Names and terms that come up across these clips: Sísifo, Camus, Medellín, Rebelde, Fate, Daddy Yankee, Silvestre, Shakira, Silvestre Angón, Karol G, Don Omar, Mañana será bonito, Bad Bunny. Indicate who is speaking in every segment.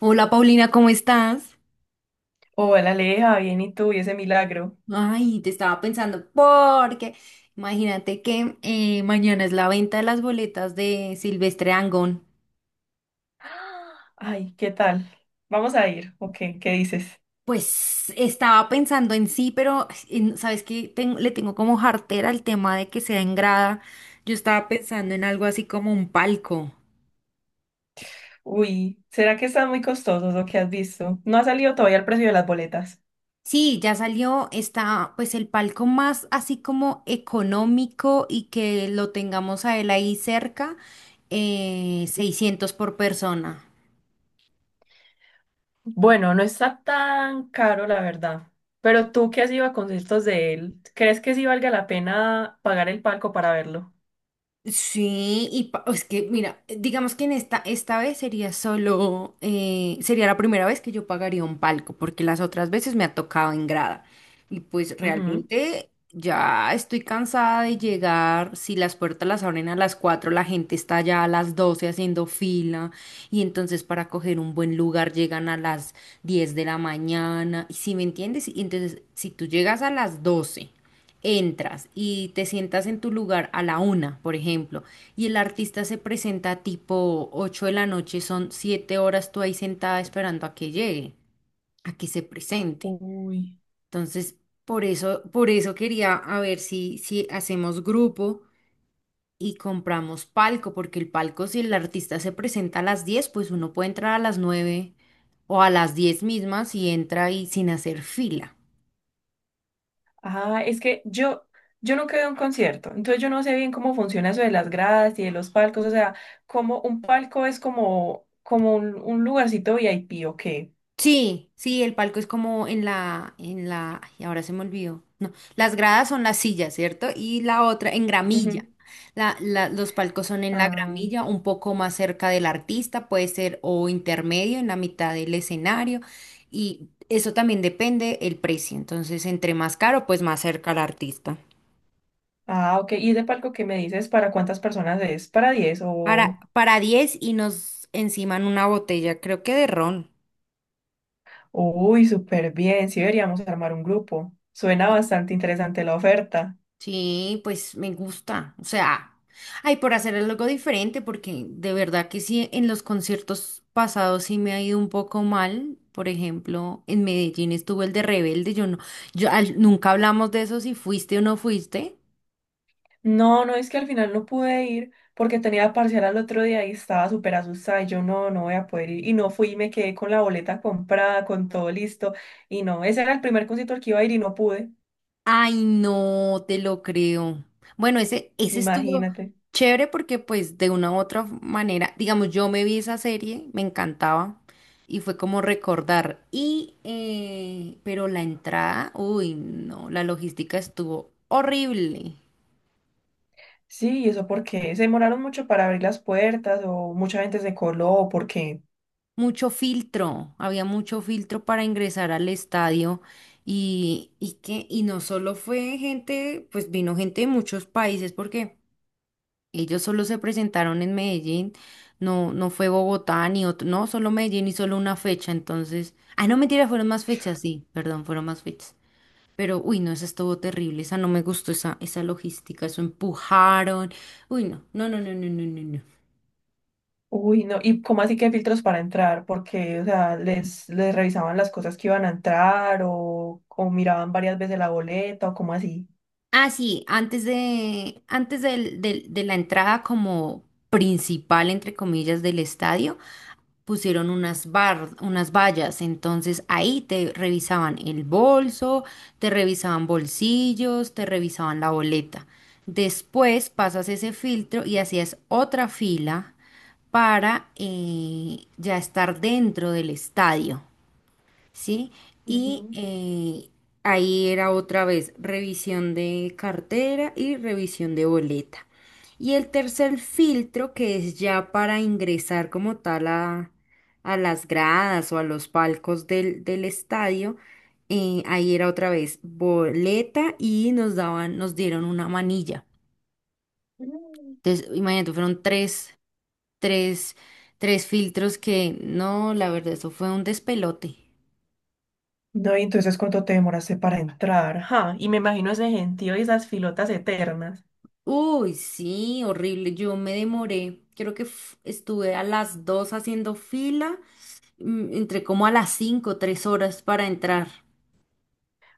Speaker 1: Hola Paulina, ¿cómo estás?
Speaker 2: Hola, Aleja, bien, ¿y tú? ¿Y ese milagro?
Speaker 1: Ay, te estaba pensando porque imagínate que mañana es la venta de las boletas de Silvestre Angón.
Speaker 2: Ay, ¿qué tal? ¿Vamos a ir? ¿O qué? ¿Qué dices?
Speaker 1: Pues estaba pensando en sí, pero sabes que le tengo como jartera el tema de que sea en grada. Yo estaba pensando en algo así como un palco.
Speaker 2: Uy, ¿será que están muy costosos lo que has visto? No ha salido todavía el precio de las boletas.
Speaker 1: Sí, ya salió, está pues el palco más así como económico y que lo tengamos a él ahí cerca, 600 por persona.
Speaker 2: Bueno, no está tan caro, la verdad. Pero tú que has ido a conciertos de él, ¿crees que sí valga la pena pagar el palco para verlo?
Speaker 1: Sí, y es que, mira, digamos que en esta vez sería solo, sería la primera vez que yo pagaría un palco, porque las otras veces me ha tocado en grada. Y pues
Speaker 2: Ujú.
Speaker 1: realmente ya estoy cansada de llegar, si las puertas las abren a las 4 la gente está ya a las 12 haciendo fila, y entonces para coger un buen lugar llegan a las 10 de la mañana, y si me entiendes, y entonces si tú llegas a las 12 entras y te sientas en tu lugar a la una, por ejemplo, y el artista se presenta tipo 8 de la noche, son siete horas tú ahí sentada esperando a que llegue, a que se presente.
Speaker 2: Uy.
Speaker 1: Entonces, por eso quería a ver si hacemos grupo y compramos palco, porque el palco, si el artista se presenta a las 10 pues uno puede entrar a las 9 o a las 10 mismas y entra ahí sin hacer fila.
Speaker 2: Ah, es que yo nunca he ido a un concierto, entonces yo no sé bien cómo funciona eso de las gradas y de los palcos, o sea, como un palco es como un lugarcito VIP, ¿o qué?
Speaker 1: Sí, sí, el palco es como en la, ay, ahora se me olvidó. No, las gradas son las sillas, ¿cierto? Y la otra en gramilla.
Speaker 2: Ujú.
Speaker 1: Los palcos son en la
Speaker 2: Ah,
Speaker 1: gramilla, un poco más cerca del artista, puede ser o intermedio, en la mitad del escenario. Y eso también depende el precio. Entonces, entre más caro, pues más cerca al artista.
Speaker 2: ah, ok, y ese palco que me dices, ¿para cuántas personas es? ¿Para diez o...
Speaker 1: Para 10 y nos enciman una botella, creo que de ron.
Speaker 2: Uy, súper bien, sí deberíamos armar un grupo, suena bastante interesante la oferta.
Speaker 1: Sí, pues me gusta. O sea, ay, por hacer algo diferente, porque de verdad que sí, en los conciertos pasados sí me ha ido un poco mal. Por ejemplo, en Medellín estuvo el de Rebelde. Yo no, yo nunca hablamos de eso si fuiste o no fuiste.
Speaker 2: No, no, es que al final no pude ir porque tenía parcial al otro día y estaba súper asustada y yo no, no voy a poder ir. Y no fui y me quedé con la boleta comprada, con todo listo. Y no, ese era el primer concierto al que iba a ir y no pude,
Speaker 1: Ay, no te lo creo. Bueno, ese estuvo
Speaker 2: imagínate.
Speaker 1: chévere porque pues de una u otra manera, digamos, yo me vi esa serie, me encantaba y fue como recordar. Y, pero la entrada, uy, no, la logística estuvo horrible.
Speaker 2: Sí, ¿y eso porque se demoraron mucho para abrir las puertas o mucha gente se coló o porque,
Speaker 1: Mucho filtro, había mucho filtro para ingresar al estadio y que no solo fue gente, pues vino gente de muchos países porque... Ellos solo se presentaron en Medellín, no, no fue Bogotá ni otro, no, solo Medellín y solo una fecha, entonces, ah, no, mentira, fueron más fechas, sí, perdón, fueron más fechas. Pero, uy, no, esa estuvo terrible, esa no me gustó, esa logística, eso empujaron, uy, no, no, no, no, no, no, no. no.
Speaker 2: uy, no, y cómo así que filtros para entrar, porque, o sea, les, revisaban las cosas que iban a entrar o miraban varias veces la boleta o cómo así.
Speaker 1: Ah, sí, antes de, antes del- del- de la entrada como principal, entre comillas, del estadio, pusieron unas vallas, entonces ahí te revisaban el bolso, te revisaban bolsillos, te revisaban la boleta. Después pasas ese filtro y hacías otra fila para ya estar dentro del estadio. ¿Sí? Y ahí era otra vez revisión de cartera y revisión de boleta. Y el tercer filtro, que es ya para ingresar como tal a las gradas o a los palcos del estadio, ahí era otra vez boleta y nos dieron una manilla.
Speaker 2: Ujú.
Speaker 1: Entonces, imagínate, fueron tres, tres filtros que, no, la verdad, eso fue un despelote.
Speaker 2: No, y entonces cuánto te demoraste para entrar. Ajá, y me imagino ese gentío y esas filotas eternas.
Speaker 1: Uy, sí, horrible. Yo me demoré. Creo que estuve a las 2 haciendo fila. Entré como a las 5, 3 horas para entrar.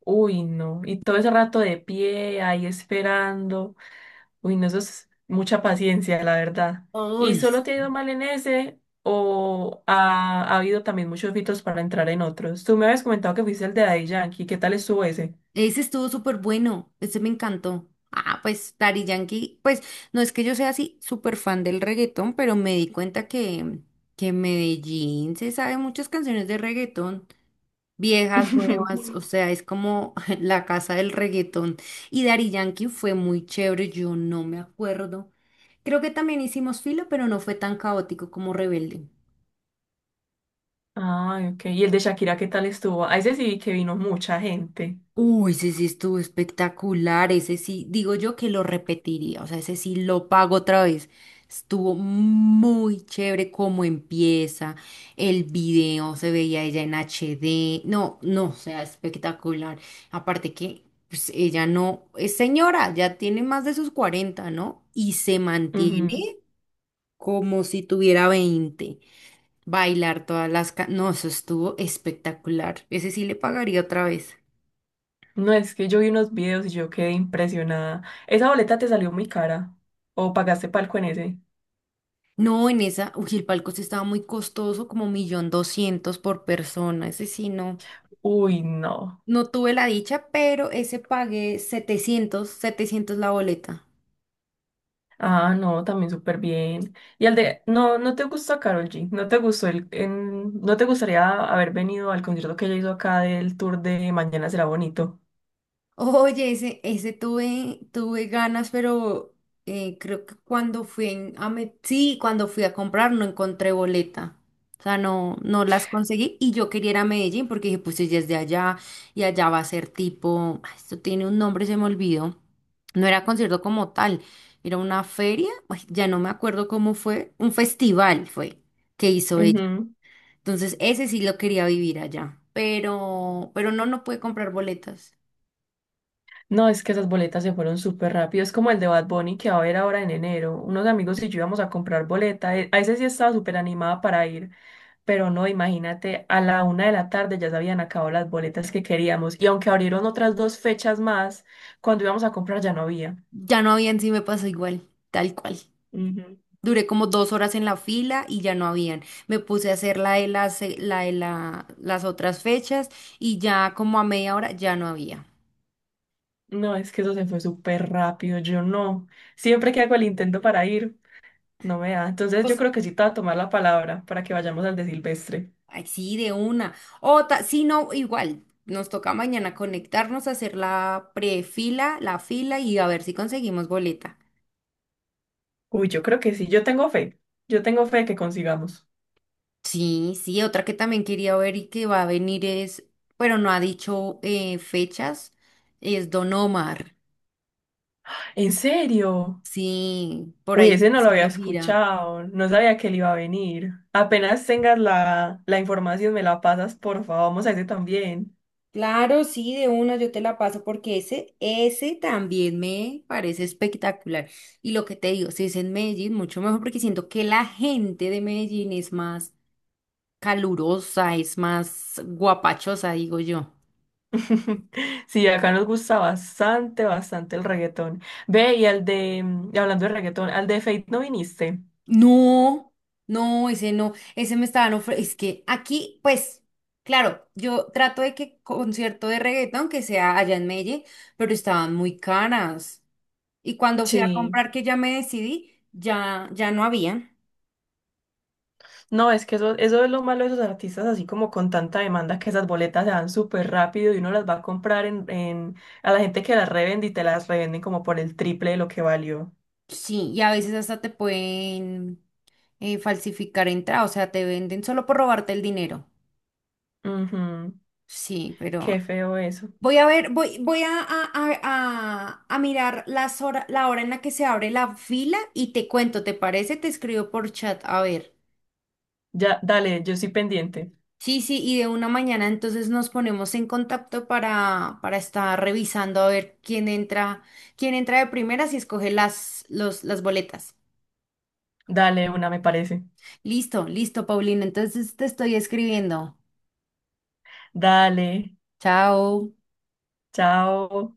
Speaker 2: Uy, no. Y todo ese rato de pie, ahí esperando. Uy, no, eso es mucha paciencia, la verdad. ¿Y
Speaker 1: Uy,
Speaker 2: solo te ha ido mal en ese o ha habido también muchos filtros para entrar en otros? Tú me habías comentado que fuiste el de Daddy Yankee. ¿Qué tal estuvo ese?
Speaker 1: ese estuvo súper bueno. Ese me encantó. Ah, pues Daddy Yankee. Pues no es que yo sea así súper fan del reggaetón, pero me di cuenta que en Medellín se sabe muchas canciones de reggaetón. Viejas, nuevas, o sea, es como la casa del reggaetón. Y Daddy Yankee fue muy chévere, yo no me acuerdo. Creo que también hicimos filo, pero no fue tan caótico como Rebelde.
Speaker 2: Ah, ok. ¿Y el de Shakira qué tal estuvo? A ese sí vi que vino mucha gente.
Speaker 1: Uy, ese sí estuvo espectacular, ese sí, digo yo que lo repetiría, o sea, ese sí lo pago otra vez. Estuvo muy chévere cómo empieza, el video se veía ella en HD, no, no, o sea, espectacular. Aparte que pues, ella no es señora, ya tiene más de sus 40, ¿no? Y se mantiene como si tuviera 20. Bailar todas las... No, eso estuvo espectacular, ese sí le pagaría otra vez.
Speaker 2: No, es que yo vi unos videos y yo quedé impresionada. Esa boleta te salió muy cara. ¿O pagaste palco en ese?
Speaker 1: No, en esa, uy, el palco sí estaba muy costoso, como millón doscientos por persona. Ese sí, no,
Speaker 2: Uy, no.
Speaker 1: no tuve la dicha, pero ese pagué 700 la boleta.
Speaker 2: Ah, no, también súper bien. Y al de, no, no te gustó Karol G, no te gustó no te gustaría haber venido al concierto que ella hizo acá del tour de Mañana será bonito.
Speaker 1: Oye, ese tuve ganas, pero creo que cuando fui en- a me- sí, cuando fui a comprar no encontré boleta. O sea, no, no las conseguí y yo quería ir a Medellín porque dije, pues ella es de allá y allá va a ser tipo, ay, esto tiene un nombre, se me olvidó. No era concierto como tal, era una feria, ay, ya no me acuerdo cómo fue, un festival fue que hizo ella.
Speaker 2: Ujú.
Speaker 1: Entonces, ese sí lo quería vivir allá, pero, no pude comprar boletas.
Speaker 2: No, es que esas boletas se fueron súper rápido. Es como el de Bad Bunny que va a haber ahora en enero. Unos amigos y yo íbamos a comprar boleta. A ese sí estaba súper animada para ir. Pero no, imagínate, a la una de la tarde ya se habían acabado las boletas que queríamos. Y aunque abrieron otras dos fechas más, cuando íbamos a comprar ya no había.
Speaker 1: Ya no habían, sí me pasó igual, tal cual.
Speaker 2: Ujú.
Speaker 1: Duré como dos horas en la fila y ya no habían. Me puse a hacer la de las, las otras fechas y ya como a media hora ya no había.
Speaker 2: No, es que eso se fue súper rápido. Yo no. Siempre que hago el intento para ir, no me da. Entonces yo
Speaker 1: Pues,
Speaker 2: creo que sí te voy a tomar la palabra para que vayamos al de Silvestre.
Speaker 1: ay, sí, de una. Otra, sí, no, igual. Nos toca mañana conectarnos, hacer la prefila, la fila y a ver si conseguimos boleta.
Speaker 2: Uy, yo creo que sí. Yo tengo fe. Yo tengo fe que consigamos.
Speaker 1: Sí, sí, otra que también quería ver y que va a venir es, pero no ha dicho fechas, es Don Omar.
Speaker 2: ¿En serio?
Speaker 1: Sí, por
Speaker 2: Uy,
Speaker 1: ahí
Speaker 2: ese
Speaker 1: está
Speaker 2: no lo había
Speaker 1: haciendo gira.
Speaker 2: escuchado, no sabía que él iba a venir. Apenas tengas la información, me la pasas, por favor, vamos a ese también.
Speaker 1: Claro, sí, de una yo te la paso porque ese también me parece espectacular. Y lo que te digo, si es en Medellín, mucho mejor porque siento que la gente de Medellín es más calurosa, es más guapachosa, digo yo.
Speaker 2: Sí, acá nos gusta bastante, bastante el reggaetón. Ve, y al de, hablando de reggaetón, al de Fate no viniste.
Speaker 1: No, no, ese no, ese me estaban ofreciendo. Es que aquí, pues, claro, yo trato de que concierto de reggaetón que sea allá en Medellín, pero estaban muy caras. Y cuando fui a
Speaker 2: Sí,
Speaker 1: comprar, que ya me decidí, ya, ya no había.
Speaker 2: no, es que eso es lo malo de esos artistas, así como con tanta demanda que esas boletas se dan súper rápido y uno las va a comprar a la gente que las revende y te las revenden como por el triple de lo que valió.
Speaker 1: Sí, y a veces hasta te pueden falsificar entrada, o sea, te venden solo por robarte el dinero.
Speaker 2: Ujú.
Speaker 1: Sí, pero
Speaker 2: Qué feo eso.
Speaker 1: voy a ver, voy, voy a mirar las la hora en la que se abre la fila y te cuento, ¿te parece? Te escribo por chat, a ver.
Speaker 2: Ya, dale, yo estoy pendiente.
Speaker 1: Sí, sí, y de una mañana entonces nos ponemos en contacto para estar revisando a ver quién entra de primeras y escoge las boletas.
Speaker 2: Dale, una me parece.
Speaker 1: Listo, listo, Paulina. Entonces te estoy escribiendo.
Speaker 2: Dale,
Speaker 1: Chao.
Speaker 2: chao.